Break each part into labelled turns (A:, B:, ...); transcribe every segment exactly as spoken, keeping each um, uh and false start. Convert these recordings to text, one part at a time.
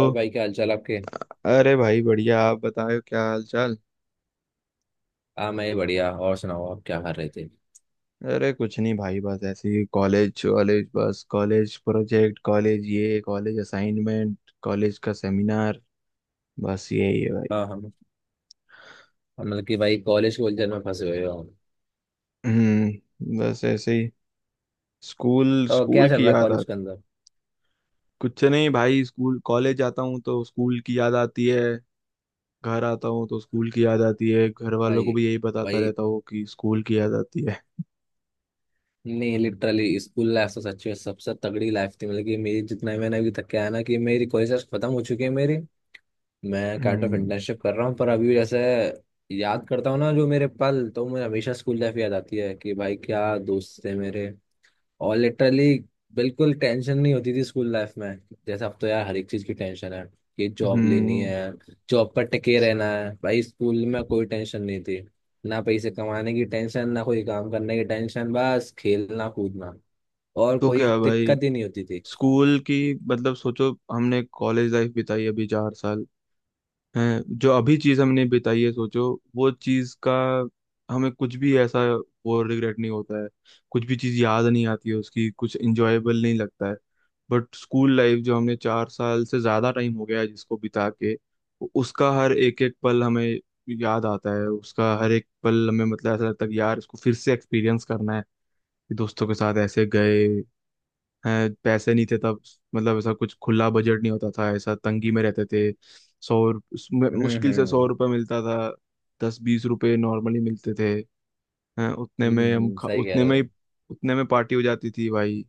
A: और भाई, क्या हालचाल आपके?
B: अरे भाई बढ़िया, आप बताओ क्या हाल चाल।
A: हाँ, मैं बढ़िया। और सुनाओ, आप क्या कर रहे थे?
B: अरे कुछ नहीं भाई, बस ऐसे ही कॉलेज कॉलेज, बस कॉलेज प्रोजेक्ट, कॉलेज ये कॉलेज असाइनमेंट, कॉलेज का सेमिनार। बस यही है भाई।
A: हाँ। हम मतलब कि भाई, कॉलेज के उलझन में फंसे हुए हो?
B: हम्म, बस ऐसे ही। स्कूल
A: तो क्या
B: स्कूल
A: चल
B: की
A: रहा है
B: याद आ।
A: कॉलेज के अंदर?
B: कुछ नहीं भाई, स्कूल कॉलेज जाता हूँ तो स्कूल की याद आती है। घर आता हूँ तो स्कूल की याद आती है, घर वालों को
A: भाई।
B: भी यही बताता
A: भाई।
B: रहता हूँ कि स्कूल की याद आती है।
A: नहीं, लिटरली स्कूल लाइफ तो सच में सबसे तगड़ी लाइफ थी। मतलब कि मेरी, जितना मैंने अभी तक, क्या है ना, कि मेरी कॉलेज लाइफ खत्म हो चुकी है मेरी। मैं काइंड ऑफ
B: हम्म,
A: इंटर्नशिप कर रहा हूँ, पर अभी जैसे याद करता हूँ ना जो मेरे पल, तो मुझे हमेशा स्कूल लाइफ याद आती है कि भाई क्या दोस्त थे मेरे। और लिटरली बिल्कुल टेंशन नहीं होती थी स्कूल लाइफ में। जैसे अब तो यार हर एक चीज की टेंशन है, कि जॉब लेनी
B: हम्म।
A: है, जॉब पर टिके रहना है। भाई स्कूल में कोई टेंशन नहीं थी, ना पैसे कमाने की टेंशन, ना कोई काम करने की टेंशन, बस खेलना कूदना। और
B: तो
A: कोई
B: क्या भाई,
A: दिक्कत ही नहीं होती थी।
B: स्कूल की, मतलब सोचो हमने कॉलेज लाइफ बिताई अभी चार साल हैं, जो अभी चीज हमने बिताई है, सोचो वो चीज का हमें कुछ भी ऐसा वो रिग्रेट नहीं होता है। कुछ भी चीज याद नहीं आती है उसकी, कुछ इंजॉयबल नहीं लगता है। बट स्कूल लाइफ जो हमने चार साल से ज्यादा टाइम हो गया है जिसको बिता के, उसका हर एक एक पल हमें याद आता है। उसका हर एक पल हमें, मतलब ऐसा लगता है कि यार इसको फिर से एक्सपीरियंस करना है, कि दोस्तों के साथ ऐसे गए। हैं, पैसे नहीं थे तब, मतलब ऐसा कुछ खुला बजट नहीं होता था, ऐसा तंगी में रहते थे। सौ रुप- उसमें
A: हम्म।
B: मुश्किल से
A: हम्म।
B: सौ रुपये मिलता था। दस बीस रुपए नॉर्मली मिलते थे। हैं, उतने
A: हम्म,
B: में हम
A: हम्म,
B: खा-
A: सही कह
B: उतने
A: रहे
B: में
A: हो।
B: ही। उतने में पार्टी हो जाती थी भाई।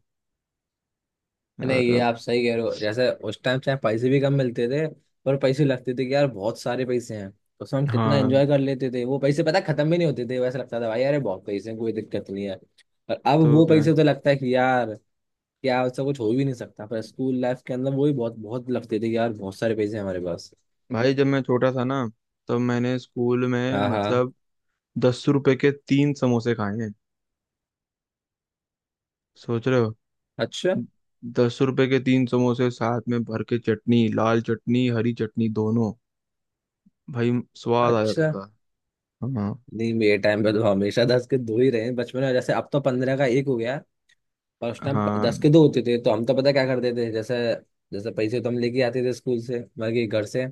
A: नहीं,
B: और
A: ये
B: अब।
A: आप सही कह रहे हो। जैसे उस टाइम चाहे पैसे भी कम मिलते थे, पर पैसे लगते थे कि यार बहुत सारे पैसे हैं, तो उसमें हम कितना
B: हाँ।
A: एंजॉय कर लेते थे वो पैसे, पता है, खत्म भी नहीं होते थे। वैसा लगता था भाई, अरे बहुत पैसे हैं, कोई दिक्कत नहीं है। और अब
B: तो
A: वो
B: क्या
A: पैसे तो लगता है कि यार क्या, उससे कुछ हो भी नहीं सकता, पर स्कूल लाइफ के अंदर वो भी बहुत बहुत लगते थे कि यार बहुत सारे पैसे हैं हमारे पास।
B: भाई, जब मैं छोटा था ना, तब मैंने स्कूल में
A: हाँ हाँ।
B: मतलब दस रुपए के तीन समोसे खाए हैं। सोच रहे हो,
A: अच्छा।
B: दस रुपए के तीन समोसे, साथ में भर के चटनी, लाल चटनी हरी चटनी दोनों। भाई स्वाद आ जाता
A: अच्छा।
B: था। हाँ,
A: नहीं, मेरे टाइम पे तो हमेशा दस के दो ही रहे हैं बचपन में। जैसे अब तो पंद्रह का एक हो गया, और उस टाइम
B: हाँ।
A: दस के दो होते थे। तो हम तो पता क्या करते थे? जैसे जैसे पैसे तो हम लेके आते थे स्कूल से, मतलब कि घर से।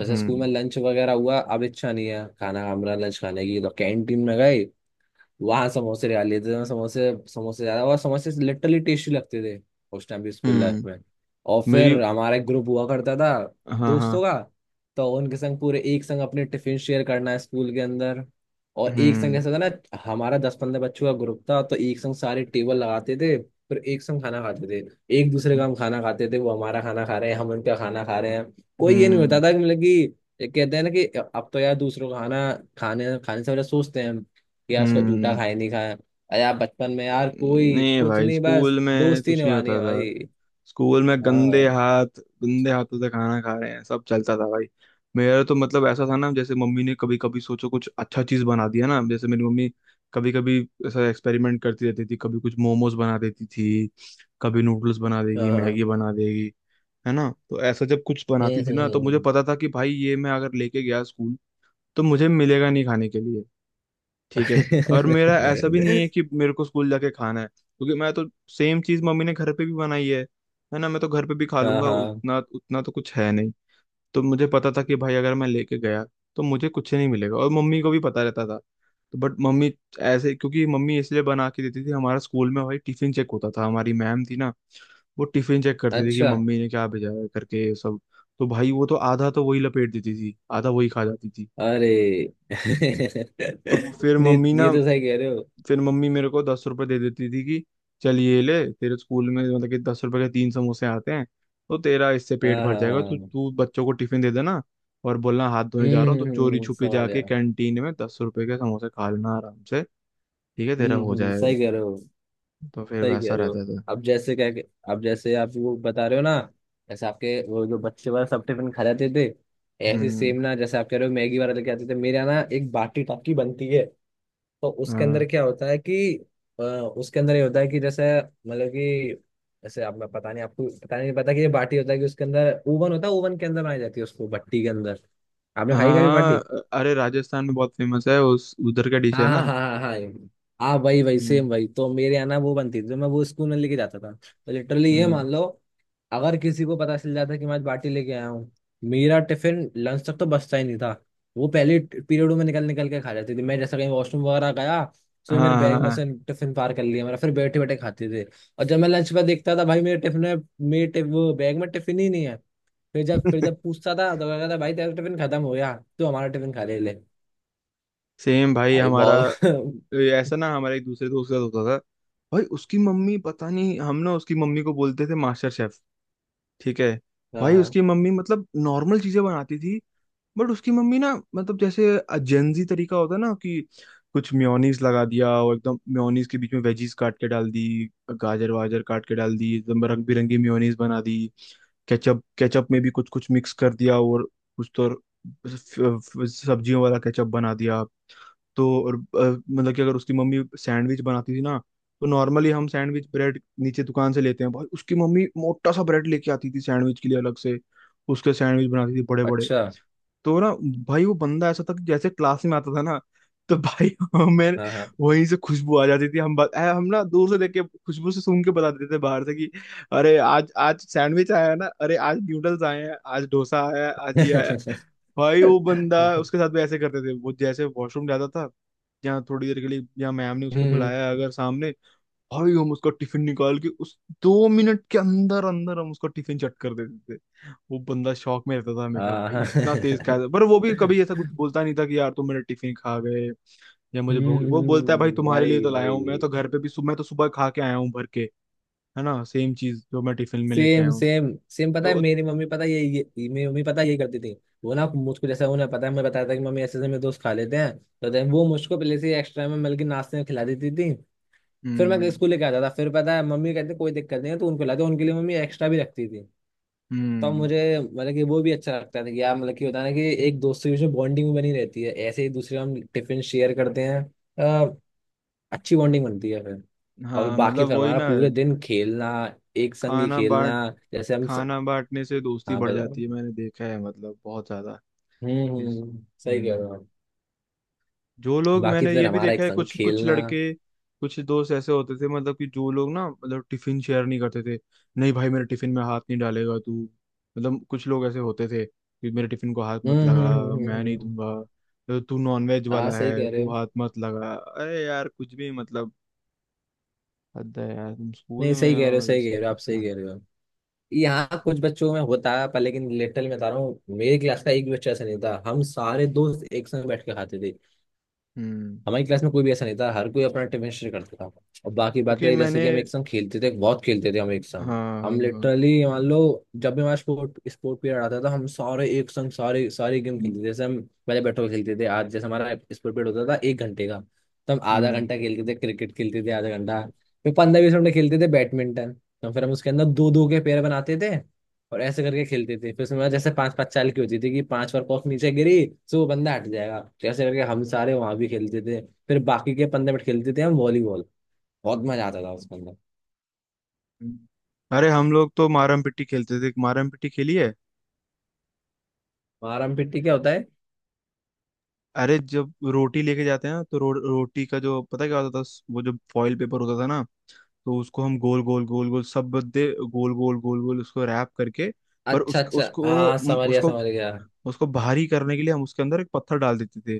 A: जैसे स्कूल में
B: हम्म,
A: लंच वगैरह हुआ, अब इच्छा नहीं है खाना, हमारा लंच खाने की, तो कैंटीन में गए। वहाँ समोसे ले लेते थे, समोसे समोसे ज्यादा, और समोसे लिटरली टेस्टी लगते थे उस टाइम भी स्कूल लाइफ
B: हम्म।
A: में। और
B: मेरी,
A: फिर हमारा एक ग्रुप हुआ करता था
B: हाँ हाँ।
A: दोस्तों का। तो उनके संग पूरे एक संग अपने टिफिन शेयर करना है स्कूल के अंदर। और एक संग
B: हम्म,
A: जैसा था ना, हमारा दस पंद्रह बच्चों का ग्रुप था, तो एक संग सारे टेबल लगाते थे, फिर एक संग खाना खाते थे। एक दूसरे का हम खाना खाते थे, वो हमारा खाना खा रहे हैं, हम उनका खाना खा रहे हैं। कोई ये नहीं होता
B: हम्म,
A: था कि, मतलब कि ये कहते हैं ना कि, अब तो यार दूसरों का खाना खाने खाने से पहले सोचते हैं कि यार उसका जूठा
B: हम्म।
A: खाए नहीं खाया। अरे यार बचपन में यार कोई
B: नहीं
A: कुछ
B: भाई
A: नहीं, बस
B: स्कूल में
A: दोस्ती
B: कुछ नहीं
A: निभानी
B: होता
A: है
B: था।
A: भाई।
B: स्कूल में गंदे
A: हाँ
B: हाथ, गंदे हाथों से खाना खा रहे हैं, सब चलता था भाई। मेरा तो मतलब ऐसा था ना, जैसे मम्मी ने कभी कभी सोचो कुछ अच्छा चीज बना दिया ना, जैसे मेरी मम्मी कभी कभी ऐसा एक्सपेरिमेंट करती रहती थी। कभी कुछ मोमोज बना देती थी, कभी नूडल्स बना देगी, मैगी
A: हाँ।
B: बना देगी। है ना, तो ऐसा जब कुछ
A: हम्म
B: बनाती थी ना,
A: हम्म
B: तो मुझे
A: हम्म।
B: पता था कि भाई ये मैं अगर लेके गया स्कूल, तो मुझे मिलेगा नहीं खाने के लिए। ठीक है, और मेरा ऐसा भी नहीं है कि मेरे को स्कूल जाके खाना है, क्योंकि मैं तो सेम चीज मम्मी ने घर पे भी बनाई है। है ना, मैं तो घर पे भी खा
A: हाँ
B: लूंगा,
A: हाँ।
B: उतना उतना तो कुछ है नहीं। तो मुझे पता था कि भाई अगर मैं लेके गया, तो मुझे कुछ नहीं मिलेगा, और मम्मी को भी पता रहता था। तो बट मम्मी ऐसे, क्योंकि मम्मी इसलिए बना के देती थी, हमारा स्कूल में भाई टिफिन चेक होता था। हमारी मैम थी ना, वो टिफिन चेक करती थी कि
A: अच्छा।
B: मम्मी ने क्या भेजा है करके ये सब। तो भाई वो तो आधा तो वही लपेट देती थी, आधा वही खा जाती थी।
A: अरे।
B: तो फिर
A: नहीं,
B: मम्मी
A: ये
B: ना,
A: तो सही कह रहे हो।
B: फिर मम्मी मेरे को दस रुपए दे देती थी कि चल ये ले, तेरे स्कूल में मतलब कि दस रुपए के तीन समोसे आते हैं, तो तेरा इससे पेट
A: हाँ
B: भर
A: हाँ
B: जाएगा,
A: हाँ।
B: तो
A: हम्म
B: तू बच्चों को टिफिन दे देना, और बोलना हाथ धोने जा रहा हूँ,
A: हम्म,
B: तो चोरी
A: हम्म,
B: छुपे
A: समझ
B: जाके
A: गया।
B: कैंटीन में दस रुपए के समोसे खा लेना आराम से। ठीक है, तेरा
A: हम्म
B: हो
A: हम्म,
B: जाएगा।
A: सही कह रहे हो,
B: तो फिर
A: सही
B: वैसा
A: कह रहे हो।
B: रहता था।
A: अब जैसे क्या, अब जैसे आप वो बता रहे हो ना, जैसे आपके वो जो बच्चे वाला सब टिफिन खा जाते थे, ऐसे
B: हम्म।
A: सेम ना, जैसे आप कह रहे हो मैगी वाला लेके आते थे, मेरे यहाँ ना एक बाटी टाकी बनती है। तो उसके अंदर
B: हाँ
A: क्या होता है कि, अ, उसके अंदर ये होता है कि, जैसे मतलब कि, जैसे आप, मैं पता नहीं आपको पता नहीं पता कि ये बाटी होता है कि उसके अंदर ओवन होता है, ओवन के अंदर बनाई जाती है उसको, भट्टी के अंदर। आपने खाई कभी
B: हाँ,
A: बाटी?
B: अरे राजस्थान में बहुत फेमस है, उस उधर का डिश
A: हाँ
B: है
A: हाँ
B: ना।
A: हाँ हाँ हाँ। हाँ, वही वही
B: हम्म,
A: सेम वही। तो मेरे यहाँ ना वो बनती थी, तो मैं वो स्कूल में लेके जाता था, तो लिटरली ये
B: हम्म।
A: मान लो, अगर किसी को पता चल जाता कि मैं आज बाटी लेके आया हूँ, मेरा टिफिन लंच तक तो बचता ही नहीं था। वो पहले पीरियडों में निकल निकल के खा जाते थे। मैं जैसा कहीं वॉशरूम वगैरह गया, तो ये मेरे
B: हाँ
A: बैग में से
B: हाँ,
A: टिफिन पार कर लिया मेरा, फिर बैठे बैठे खाते थे। और जब मैं लंच पर देखता था भाई मेरे टिफिन में, मेरे टिफ, वो बैग में टिफिन ही नहीं है। फिर जब फिर जब पूछता था, तो कहता था भाई तेरा टिफिन खत्म हो गया, तो हमारा टिफिन खा ले ले।
B: सेम भाई
A: भाई
B: हमारा,
A: बहुत
B: ये ऐसा ना हमारे एक दूसरे दोस्त का होता था। भाई उसकी मम्मी पता नहीं, हम ना उसकी मम्मी को बोलते थे मास्टर शेफ। ठीक है,
A: हाँ
B: भाई
A: हाँ।
B: उसकी मम्मी मतलब नॉर्मल चीजें बनाती थी। बट उसकी मम्मी ना मतलब जैसे जेंजी तरीका होता है ना, कि कुछ मेयोनीज लगा दिया, और एकदम मेयोनीज के बीच में वेजीज काट के डाल दी, गाजर वाजर काट के डाल दी, एकदम रंग बिरंगी मेयोनीज बना दी। केचप केचप में भी कुछ कुछ मिक्स कर दिया, और कुछ तो और फ- फ- सब्जियों वाला केचप बना दिया। तो और अ, मतलब कि अगर उसकी मम्मी सैंडविच बनाती थी ना, तो नॉर्मली हम सैंडविच ब्रेड नीचे दुकान से लेते हैं, भाई उसकी मम्मी मोटा सा ब्रेड लेके आती थी सैंडविच के लिए अलग से। उसके सैंडविच बनाती थी बड़े बड़े।
A: अच्छा।
B: तो ना, भाई वो बंदा ऐसा था कि जैसे क्लास में आता था ना, तो भाई हमें
A: हाँ हाँ।
B: वहीं से खुशबू आ जाती थी। हम बत, ऐ, हम ना दूर से देख के खुशबू से सूंघ के बता देते थे बाहर से कि अरे आज आज सैंडविच आया है ना, अरे आज न्यूडल्स आए हैं, आज डोसा आया है, आज ये आया है। भाई वो बंदा उसके साथ भी ऐसे करते थे, वो जैसे वॉशरूम जाता था, या थोड़ी देर के लिए, या मैम ने उसको
A: हम्म।
B: बुलाया अगर सामने, भाई हम उसका टिफिन निकाल के, उस दो मिनट के अंदर अंदर हम उसका टिफिन चट कर देते थे। वो बंदा शौक में रहता था हमेशा,
A: हाँ
B: भाई
A: हाँ।
B: इतना तेज खाया था, पर वो भी कभी ऐसा कुछ बोलता नहीं था कि यार तुम मेरा टिफिन खा गए, या मुझे भूख।
A: हम्म
B: वो बोलता है भाई,
A: हम्म,
B: तुम्हारे लिए
A: वही
B: तो लाया हूँ, मैं
A: वही।
B: तो घर पे भी सुबह, मैं तो सुबह खा के आया हूँ भर के, है ना सेम चीज जो मैं टिफिन में लेके आया
A: सेम
B: हूँ।
A: सेम सेम, पता है
B: तो
A: मेरी मम्मी पता है ये, ये मेरी मम्मी पता है ये करती थी। वो ना मुझको, जैसा उन्हें पता है, मैं बताया था कि मम्मी ऐसे ऐसे मेरे दोस्त खा लेते हैं, तो then वो मुझको पहले से एक्स्ट्रा में, मतलब कि नाश्ते में खिला देती थी। फिर मैं
B: हम्म,
A: स्कूल लेके आता था, फिर पता है मम्मी कहते कोई दिक्कत नहीं है, तो उनको खिलाते, उनके लिए मम्मी एक्स्ट्रा भी रखती थी। तो
B: हम्म।
A: मुझे, मतलब कि वो भी अच्छा लगता था कि यार, मतलब कि होता है ना कि एक दोस्त के बीच में बॉन्डिंग बनी रहती है, ऐसे ही दूसरे हम टिफिन शेयर करते हैं, अच्छी बॉन्डिंग बनती है फिर। और
B: हाँ
A: बाकी
B: मतलब
A: फिर
B: वही
A: हमारा
B: ना,
A: पूरे दिन खेलना, एक संग ही
B: खाना
A: खेलना,
B: बांट,
A: जैसे हम स...
B: खाना बांटने से दोस्ती
A: हाँ
B: बढ़
A: बताओ।
B: जाती है, मैंने देखा है मतलब बहुत ज्यादा।
A: हम्म हम्म
B: इस-
A: हम्म, सही कह रहे
B: हम्म,
A: हो आप।
B: जो लोग,
A: बाकी
B: मैंने ये
A: फिर
B: भी
A: हमारा
B: देखा
A: एक
B: है,
A: संग
B: कुछ कुछ
A: खेलना।
B: लड़के, कुछ दोस्त ऐसे होते थे मतलब कि, जो लोग ना मतलब टिफिन शेयर नहीं करते थे। नहीं भाई, मेरे टिफिन में हाथ नहीं डालेगा तू, मतलब कुछ लोग ऐसे होते थे कि मेरे टिफिन को हाथ मत
A: हम्म
B: लगा,
A: हम्म हम्म हम्म
B: मैं
A: हम्म।
B: नहीं
A: हम्म।
B: दूंगा। तो तू नॉनवेज
A: हाँ
B: वाला
A: सही
B: है,
A: कह रहे
B: तू
A: हो।
B: हाथ मत लगा, अरे यार कुछ भी मतलब, हद है यार, तुम स्कूल
A: नहीं सही
B: में
A: कह रहे हो,
B: हो ये
A: सही
B: सब
A: कह रहे हो आप,
B: करते
A: सही
B: हैं।
A: कह रहे हो। यहाँ कुछ बच्चों में होता है, पर लेकिन लिटरली मैं बता रहा हूँ, मेरे क्लास का एक भी बच्चा ऐसा नहीं था। हम सारे दोस्त एक संग बैठ के खाते थे।
B: हम्म,
A: हमारी क्लास में कोई भी ऐसा नहीं था, हर कोई अपना टिफिन शेयर करता था। और बाकी बात
B: क्योंकि
A: रही जैसे
B: मैंने,
A: कि हम एक संग खेलते थे, बहुत खेलते थे हम एक संग।
B: हाँ हाँ,
A: हम
B: हाँ,
A: लिटरली मान लो, जब भी हमारा स्पोर्ट स्पोर्ट पीरियड आता था, हम सारे एक संग सारे सारे गेम खेलते थे। जैसे हम पहले बैट बॉल खेलते थे। आज जैसे हमारा स्पोर्ट पीरियड होता था एक घंटे का, तो हम आधा
B: हम्म,
A: घंटा खेलते थे क्रिकेट, खेलते थे आधा घंटा। फिर पंद्रह बीस मिनट खेलते थे बैडमिंटन। तो फिर हम उसके अंदर दो दो के पेयर बनाते थे और ऐसे करके खेलते थे। फिर उसमें मतलब जैसे पांच पांच चाल की होती थी, कि पांच बार कॉक नीचे गिरी, तो वो बंदा हट जाएगा। तो ऐसे करके हम सारे वहां भी खेलते थे। फिर बाकी के पंद्रह मिनट खेलते थे हम वॉलीबॉल। बहुत मजा आता था उसके अंदर।
B: हम्म। अरे हम लोग तो मारम पिट्टी खेलते थे, मारम पिट्टी खेली है?
A: मारम पिट्टी क्या होता है?
B: अरे जब रोटी लेके जाते हैं ना, तो रो, रोटी का जो पता है क्या होता था, वो जो फॉइल पेपर होता था ना, तो उसको हम गोल गोल गोल गोल, सब बदे गोल गोल गोल गोल उसको रैप करके, पर
A: अच्छा
B: उस
A: अच्छा,
B: उसको
A: हाँ
B: उम,
A: समझ गया
B: उसको
A: समझ गया।
B: उसको भारी करने के लिए हम उसके अंदर एक पत्थर डाल देते थे।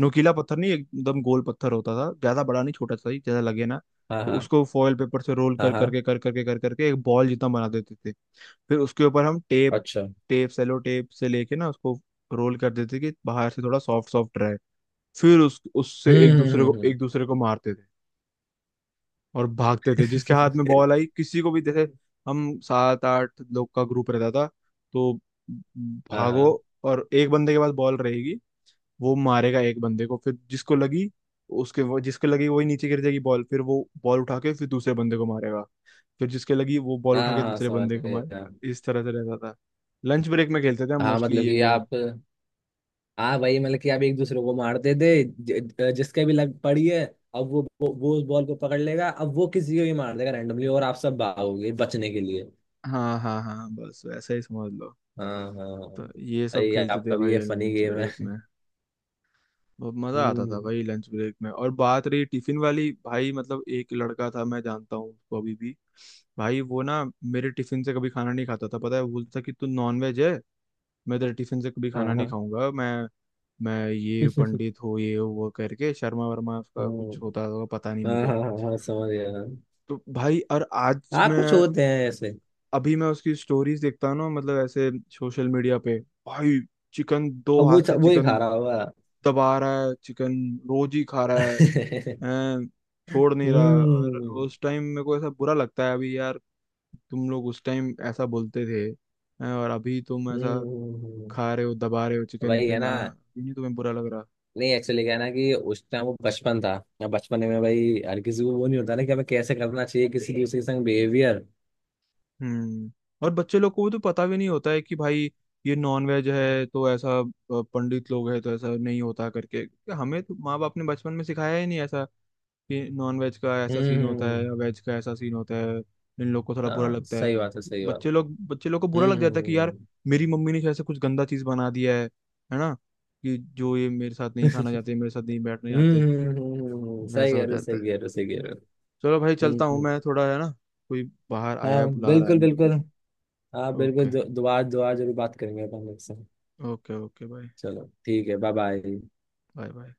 B: नोकीला पत्थर नहीं, एकदम गोल पत्थर होता था, ज्यादा बड़ा नहीं, छोटा सा ही, ज्यादा लगे ना।
A: हाँ
B: तो
A: हाँ
B: उसको फॉइल पेपर से रोल
A: हाँ
B: कर
A: हाँ।
B: करके कर करके कर करके एक बॉल जितना बना देते थे। फिर उसके ऊपर हम टेप,
A: अच्छा।
B: टेप सेलो टेप से लेके ना उसको रोल कर देते थे कि बाहर से थोड़ा सॉफ्ट सॉफ्ट रहे। फिर उस उससे एक
A: हम्म
B: दूसरे
A: हम्म
B: को
A: हम्म
B: एक दूसरे को मारते थे, और भागते थे, जिसके हाथ में
A: हम्म।
B: बॉल आई किसी को भी, जैसे हम सात आठ लोग का ग्रुप रहता था। तो
A: हाँ
B: भागो,
A: हाँ
B: और एक बंदे के पास बॉल रहेगी, वो मारेगा एक बंदे को, फिर जिसको लगी उसके, वो जिसको लगी वही नीचे गिर जाएगी बॉल, फिर वो बॉल उठा के फिर दूसरे बंदे को मारेगा। फिर जिसके लगी वो बॉल उठा
A: हाँ
B: के
A: हाँ।
B: दूसरे
A: समझ
B: बंदे को
A: गया।
B: मारेगा, इस तरह से रहता था। लंच ब्रेक में खेलते थे हम
A: हाँ
B: मोस्टली
A: मतलब
B: ये
A: कि
B: गेम।
A: आप, हाँ वही मतलब कि आप एक दूसरे को मारते थे, ज- जिसके भी लग पड़ी है, अब वो वो वो उस बॉल को पकड़ लेगा, अब वो किसी को भी मार देगा रैंडमली, और आप सब भागोगे बचने के लिए।
B: हाँ हाँ हाँ, बस वैसा ही समझ लो।
A: हाँ हाँ।
B: तो ये सब
A: भाई
B: खेलते थे
A: आपका भी
B: भाई
A: ये फनी
B: लंच
A: गेम
B: ब्रेक
A: है।
B: में। बहुत मजा आता था
A: हम्म,
B: भाई लंच ब्रेक में। और बात रही टिफिन वाली, भाई मतलब एक लड़का था, मैं जानता हूँ उसको अभी भी, भाई वो ना मेरे टिफिन से कभी खाना नहीं खाता था। पता है, वो बोलता था कि तू नॉन वेज है, मैं तेरे टिफिन से कभी
A: हाँ
B: खाना नहीं
A: हाँ।
B: खाऊंगा मैं। मैं ये पंडित हो, ये हो, वो करके, शर्मा वर्मा उसका
A: हम्म,
B: कुछ होता होगा, पता नहीं
A: हाँ
B: मुझे।
A: हाँ हाँ हाँ, समझ गया।
B: तो भाई, और आज
A: हाँ कुछ
B: मैं,
A: होते हैं ऐसे।
B: अभी मैं उसकी स्टोरीज देखता हूँ ना, मतलब ऐसे सोशल मीडिया पे, भाई चिकन, दो
A: अब वो
B: हाथ से
A: वो ही
B: चिकन
A: खा रहा होगा।
B: दबा रहा है चिकन, रोज ही खा रहा है। हैं, छोड़ नहीं रहा। और
A: हम्म
B: उस टाइम मेरे को ऐसा बुरा लगता है अभी, यार तुम लोग उस टाइम ऐसा बोलते थे, हैं, और अभी तुम
A: हम्म
B: ऐसा
A: हम्म, हम्म।
B: खा रहे हो, दबा रहे हो चिकन
A: वही है
B: विकन,
A: ना।
B: आ, ये नहीं तुम्हें बुरा लग रहा?
A: नहीं, एक्चुअली क्या है ना कि उस टाइम वो बचपन था, अब बचपन में भाई हर किसी को वो नहीं होता ना, कि हमें कैसे करना चाहिए किसी दूसरे के संग बिहेवियर।
B: हम्म, और बच्चे लोग को तो पता भी नहीं होता है कि भाई ये नॉन वेज है तो ऐसा, अ, पंडित लोग है तो ऐसा नहीं होता करके। हमें तो माँ बाप ने बचपन में सिखाया ही नहीं ऐसा, कि नॉन वेज का ऐसा
A: हम्म
B: सीन होता
A: हम्म,
B: है
A: हम्म।
B: या वेज का ऐसा सीन होता है, इन लोग को थोड़ा बुरा
A: हाँ
B: लगता है।
A: सही बात है, सही बात।
B: बच्चे लोग, बच्चे लोग को बुरा
A: हम्म
B: लग जाता है कि यार,
A: हम्म
B: मेरी मम्मी ने शायद से कुछ गंदा चीज़ बना दिया है है ना, कि जो ये मेरे साथ नहीं खाना चाहते, मेरे साथ नहीं बैठने
A: हम्म
B: जाते,
A: हम्म, हम्म, हम्म, हम्म, हम्म, हम्म, हम्म। सही
B: ऐसा
A: कह
B: हो
A: रहे हो,
B: जाता
A: सही
B: है।
A: कह रहे हो, सही कह रहे हो।
B: चलो भाई
A: हम्म
B: चलता हूँ
A: हम्म।
B: मैं थोड़ा, है ना, कोई बाहर आया
A: हाँ
B: है बुला रहा है
A: बिल्कुल
B: मेरे
A: बिल्कुल।
B: को।
A: हाँ बिल्कुल
B: ओके,
A: दो- दोबारा दोबारा जरूर बात करेंगे अपन लोग से।
B: ओके ओके भाई।
A: चलो ठीक है, बाय बाय।
B: Bye bye.